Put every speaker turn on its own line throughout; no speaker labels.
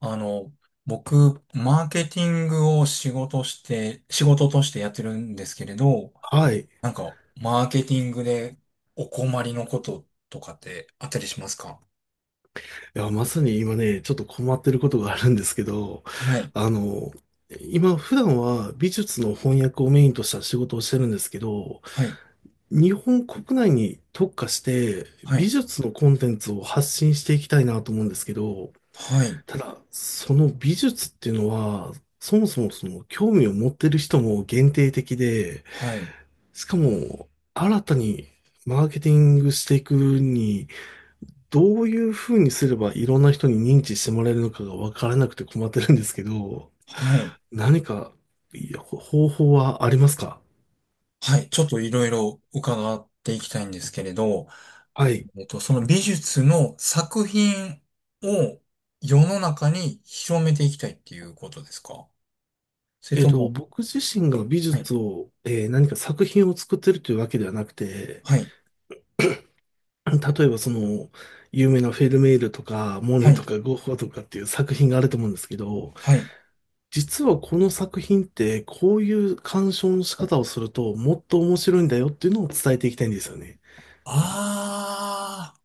あの、僕、マーケティングを仕事としてやってるんですけれど、
はい。い
なんか、マーケティングでお困りのこととかってあったりしますか？
や、まさに今ね、ちょっと困ってることがあるんですけど、
はい、
あの、今普段は美術の翻訳をメインとした仕事をしてるんですけど、
はい、
日本国内に特化して
は
美
い、
術のコンテンツを発信していきたいなと思うんですけど、
はい、
ただ、その美術っていうのは、そもそもその興味を持ってる人も限定的で、
はい、
しかも新たにマーケティングしていくにどういうふうにすればいろんな人に認知してもらえるのかが分からなくて困ってるんですけど、
はい、
何かいやほ方法はありますか？
はい。ちょっといろいろ伺っていきたいんですけれど、
はい。
その美術の作品を世の中に広めていきたいっていうことですか？それ
えっ
と
と、
も、
僕自身が美
はい、
術を、何か作品を作ってるというわけではなくて、
はい、
例えばその、有名なフェルメールとか、モ
は
ネと
い、
かゴッホとかっていう作品があると思うんですけど、
はい。
実はこの作品ってこういう鑑賞の仕方をするともっと面白いんだよっていうのを伝えていきたいんですよね。
ああ、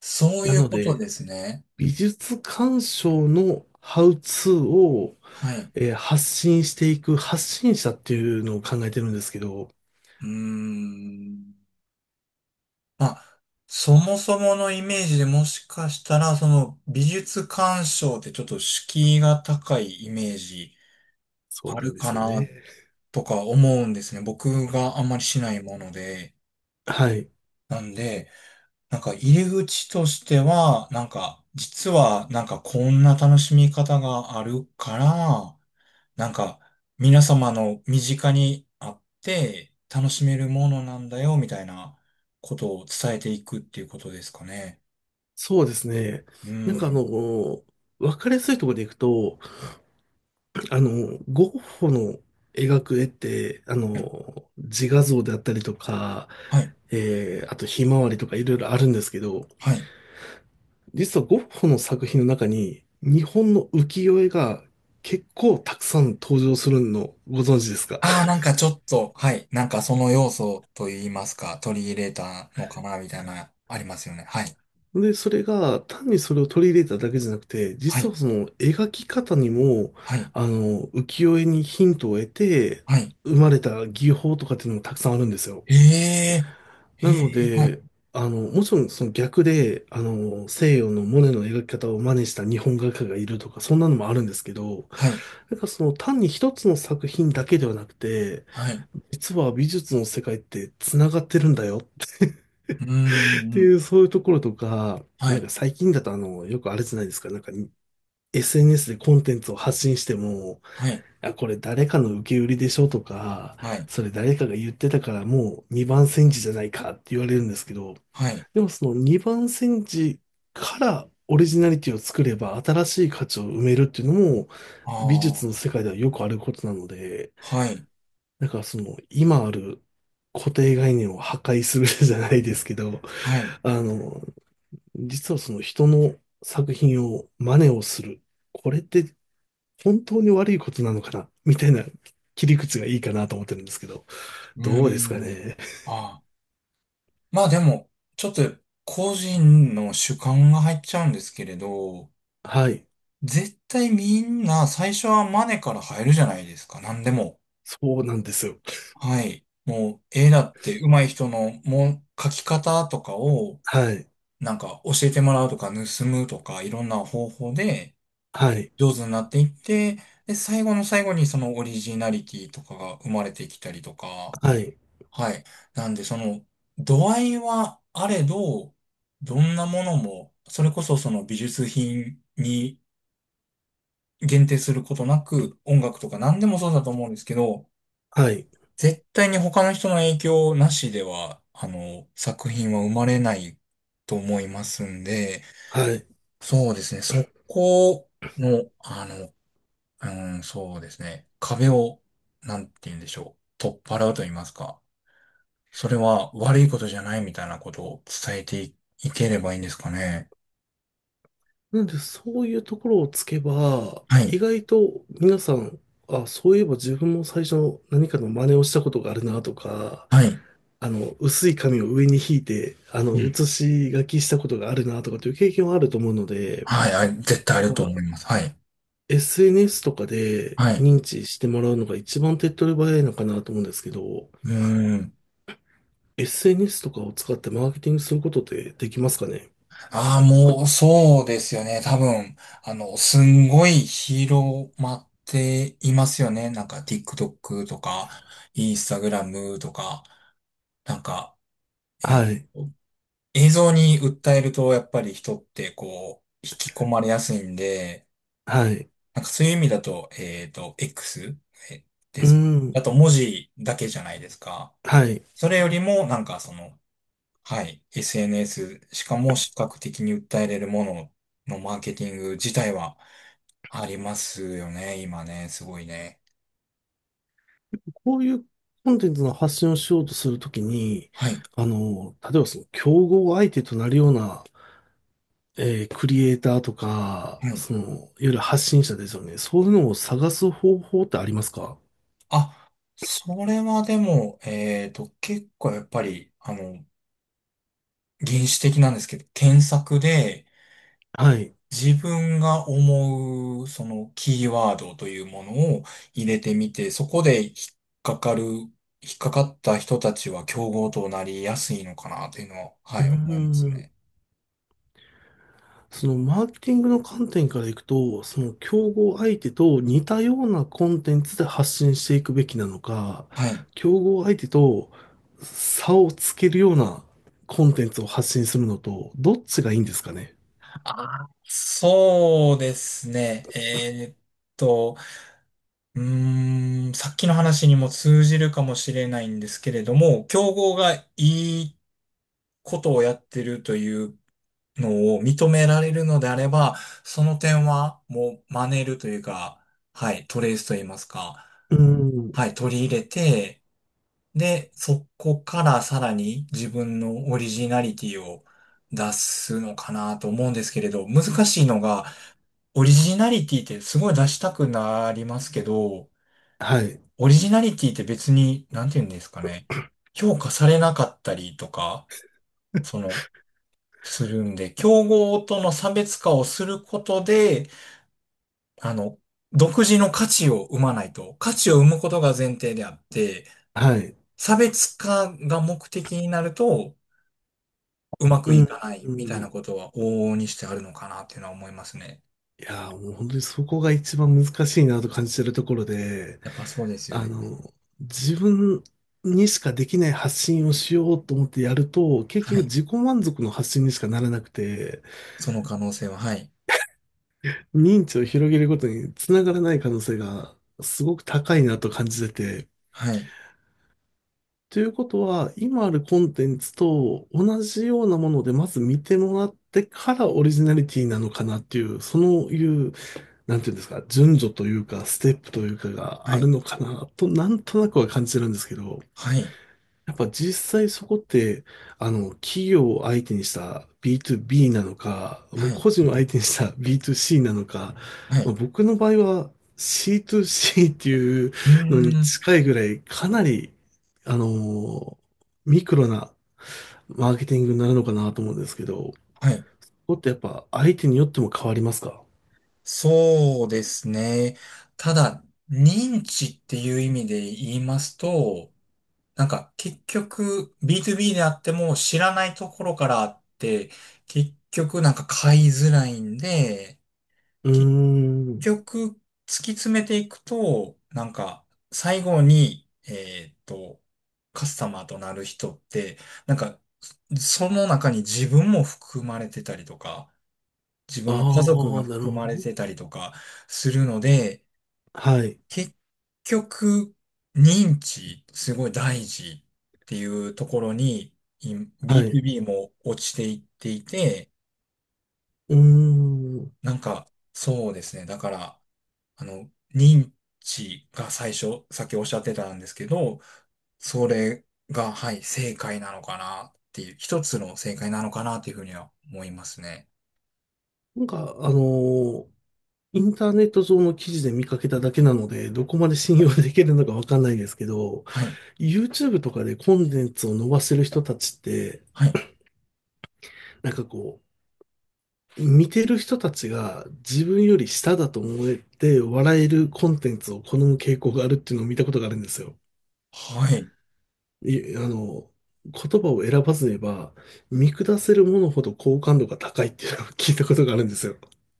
そう
な
いう
の
こと
で、
ですね。
美術鑑賞のハウツーを、
はい。う
発信していく発信者っていうのを考えてるんですけど、
ーん。まあ、そもそものイメージでもしかしたら、その美術鑑賞ってちょっと敷居が高いイメージ
そう
あ
なん
る
で
か
すよ
な
ね。
とか思うんですね。僕があんまりしないもので。
はい。
なんで、なんか入り口としては、なんか、実はなんかこんな楽しみ方があるから、なんか、皆様の身近にあって楽しめるものなんだよ、みたいなことを伝えていくっていうことですかね。
そうですね。
う
なんかあ
ん。
の、わかりやすいところでいくと、ゴッホの描く絵って、自画像であったりとか、
はい。
あとひまわりとかいろいろあるんですけど、
はい。
実はゴッホの作品の中に日本の浮世絵が結構たくさん登場するのをご存知ですか？
ああ、なんかちょっと、はい。なんかその要素と言いますか、取り入れたのかな、みたいな、ありますよね。はい。
で、それが単にそれを取り入れただけじゃなくて、
は
実
い。
はその描き方にも、
はい。
浮世絵にヒントを得て
はい。
生まれた技法とかっていうのもたくさんあるんですよ。
ええ、え
なの
え、はい。
で、もちろんその逆で、西洋のモネの描き方を真似した日本画家がいるとか、そんなのもあるんですけど、
はい。
なんからその単に一つの作品だけではなくて、
はい。う
実は美術の世界って繋がってるんだよっ
ー
て
ん。
いう、そういうところとか、
は
なん
い。
か最近だとよくあれじゃないですか、なんか SNS でコンテンツを発信しても、
はい。
あ、これ誰かの受け売りでしょとか、
はい。
それ誰かが言ってたからもう二番煎じじゃないかって言われるんですけど、
はい。
でもその二番煎じからオリジナリティを作れば新しい価値を埋めるっていうのも、
あ
美術
あ、
の世界ではよくあることなので、
はい。
なんかその、今ある固定概念を破壊する じゃないですけど、
はい。
あの、実はその人の作品を真似をする。これって本当に悪いことなのかなみたいな切り口がいいかなと思ってるんですけど、
う
どう
ー
ですか
ん。
ね。
ああ。まあでも、ちょっと個人の主観が入っちゃうんですけれど、
はい。
絶対みんな最初はマネから入るじゃないですか、何でも。
そうなんですよ。
はい。もう絵だって上手い人のもう描き方とかを
はい。
なんか教えてもらうとか盗むとかいろんな方法で
はい。
上手になっていって、で、最後の最後にそのオリジナリティとかが生まれてきたりとか、
はい。
はい。なんで、その、度合いはあれど、どんなものも、それこそその美術品に限定することなく、音楽とか何でもそうだと思うんですけど、
はい。
絶対に他の人の影響なしでは、作品は生まれないと思いますんで、
はい。
そうですね、そこの、うん、そうですね、壁を、なんて言うんでしょう、取っ払うと言いますか。それは悪いことじゃないみたいなことを伝えてい、いければいいんですかね。
なんで、そういうところをつけば、
は
意
い。
外と皆さん、あ、そういえば自分も最初何かの真似をしたことがあるなとか、
はい。
薄い紙を上に引いて、
うん。
写し書きしたことがあるなとかという経験はあると思うので、
はい。あ、絶対ある
ま
と思
あ、
います。はい。
SNS とかで
はい。
認知してもらうのが一番手っ取り早いのかなと思うんですけど、
うーん。
SNS とかを使ってマーケティングすることってできますかね？
ああ、もう、そうですよね。多分、すんごい広まっていますよね。なんか、TikTok とか、Instagram とか、なんか、えー
はい。
映像に訴えると、やっぱり人って、こう、引き込まれやすいんで、
はい。
なんかそういう意味だと、X えで
う
すかだ
ん。
と文字だけじゃないですか。
はい。
それよりも、なんかその、はい、SNS、しかも視覚的に訴えれるもののマーケティング自体はありますよね、今ね、すごいね。
こういうコンテンツの発信をしようとするときに、
はい、
例えばその競合相手となるようなクリエイターとか、
はい。
その、いわゆる発信者ですよね。そういうのを探す方法ってありますか？
あ、それはでも、結構やっぱり、原始的なんですけど、検索で、
はい。
自分が思う、そのキーワードというものを入れてみて、そこで引っかかった人たちは競合となりやすいのかなというのは、
う
は
ー
い、思います
ん。
ね。
その、マーケティングの観点からいくと、その、競合相手と似たようなコンテンツで発信していくべきなのか、
はい。
競合相手と差をつけるようなコンテンツを発信するのと、どっちがいいんですかね？
あそうですね。と、さっきの話にも通じるかもしれないんですけれども、競合がいいことをやってるというのを認められるのであれば、その点はもう真似るというか、はい、トレースと言いますか、
うーん。
はい、取り入れて、で、そこからさらに自分のオリジナリティを出すのかなと思うんですけれど、難しいのが、オリジナリティってすごい出したくなりますけど、
はい。
オリジナリティって別に、なんて言うんですかね、評価されなかったりとか、その、するんで、競合との差別化をすることで、あの、独自の価値を生まないと、価値を生むことが前提であって、
はい。
差別化が目的になると、うま
う
くい
ー
かないみたい
ん。
なことは往々にしてあるのかなっていうのは思いますね。
いやー、もう本当にそこが一番難しいなと感じてるところで、
やっぱそうですよ
あ
ね。
の、自分にしかできない発信をしようと思ってやると、結
は
局
い。
自己満足の発信にしかならなくて、
その可能性は、はい。
認知を広げることにつながらない可能性がすごく高いなと感じてて、
はい。
ということは、今あるコンテンツと同じようなものでまず見てもらってからオリジナリティなのかなっていう、なんていうんですか、順序というか、ステップというかが
は
ある
い。
のかなと、なんとなくは感じてるんですけど、
はい。
やっぱ実際そこって、企業を相手にした B2B なのか、も
は
う
い。
個人を相手にした B2C なのか、
は
まあ、
い。
僕の場合は C2C っていう
う
の
ー
に
ん。
近いぐらい、かなり、あの、ミクロなマーケティングになるのかなと思うんですけど、こ
はい。
こってやっぱ相手によっても変わりますか？
そうですね。ただ、認知っていう意味で言いますと、なんか結局 B2B であっても知らないところからあって、結局なんか買いづらいんで、
うー
結
ん。
局突き詰めていくと、なんか最後に、カスタマーとなる人って、なんかその中に自分も含まれてたりとか、自分の家族
あ
が
あ、なる
含
ほ
まれ
ど。
てたりとかするので、
はい、
結局、認知、すごい大事っていうところに、
はい。う
B2B も落ちていっていて、
ーん。
なんか、そうですね。だから、認知が最初、さっきおっしゃってたんですけど、それが、はい、正解なのかなっていう、一つの正解なのかなっていうふうには思いますね。
なんか、ーインターネット上の記事で見かけただけなので、どこまで信用できるのかわかんないですけど、
はい、
YouTube とかでコンテンツを伸ばせる人たちって、
はい、
なんかこう、見てる人たちが自分より下だと思えて笑えるコンテンツを好む傾向があるっていうのを見たことがあるんですよ。
はい。
い、あの、言葉を選ばず言えば、見下せるものほど好感度が高いっていうのを聞いたことがあるんですよ。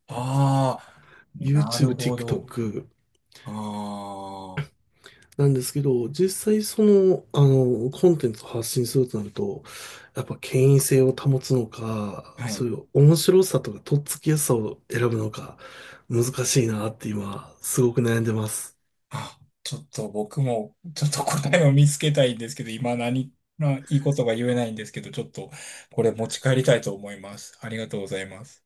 ああ、なる
YouTube、
ほど。
TikTok
ああ、
なんですけど、実際その、コンテンツを発信するとなると、やっぱ権威性を保つのか、
は
そ
い。
ういう面白さとかとっつきやすさを選ぶのか、難しいなって今、すごく悩んでます。
あちょっと僕も、ちょっと答えを見つけたいんですけど、今何、ないいことが言えないんですけど、ちょっとこれ持ち帰りたいと思います。ありがとうございます。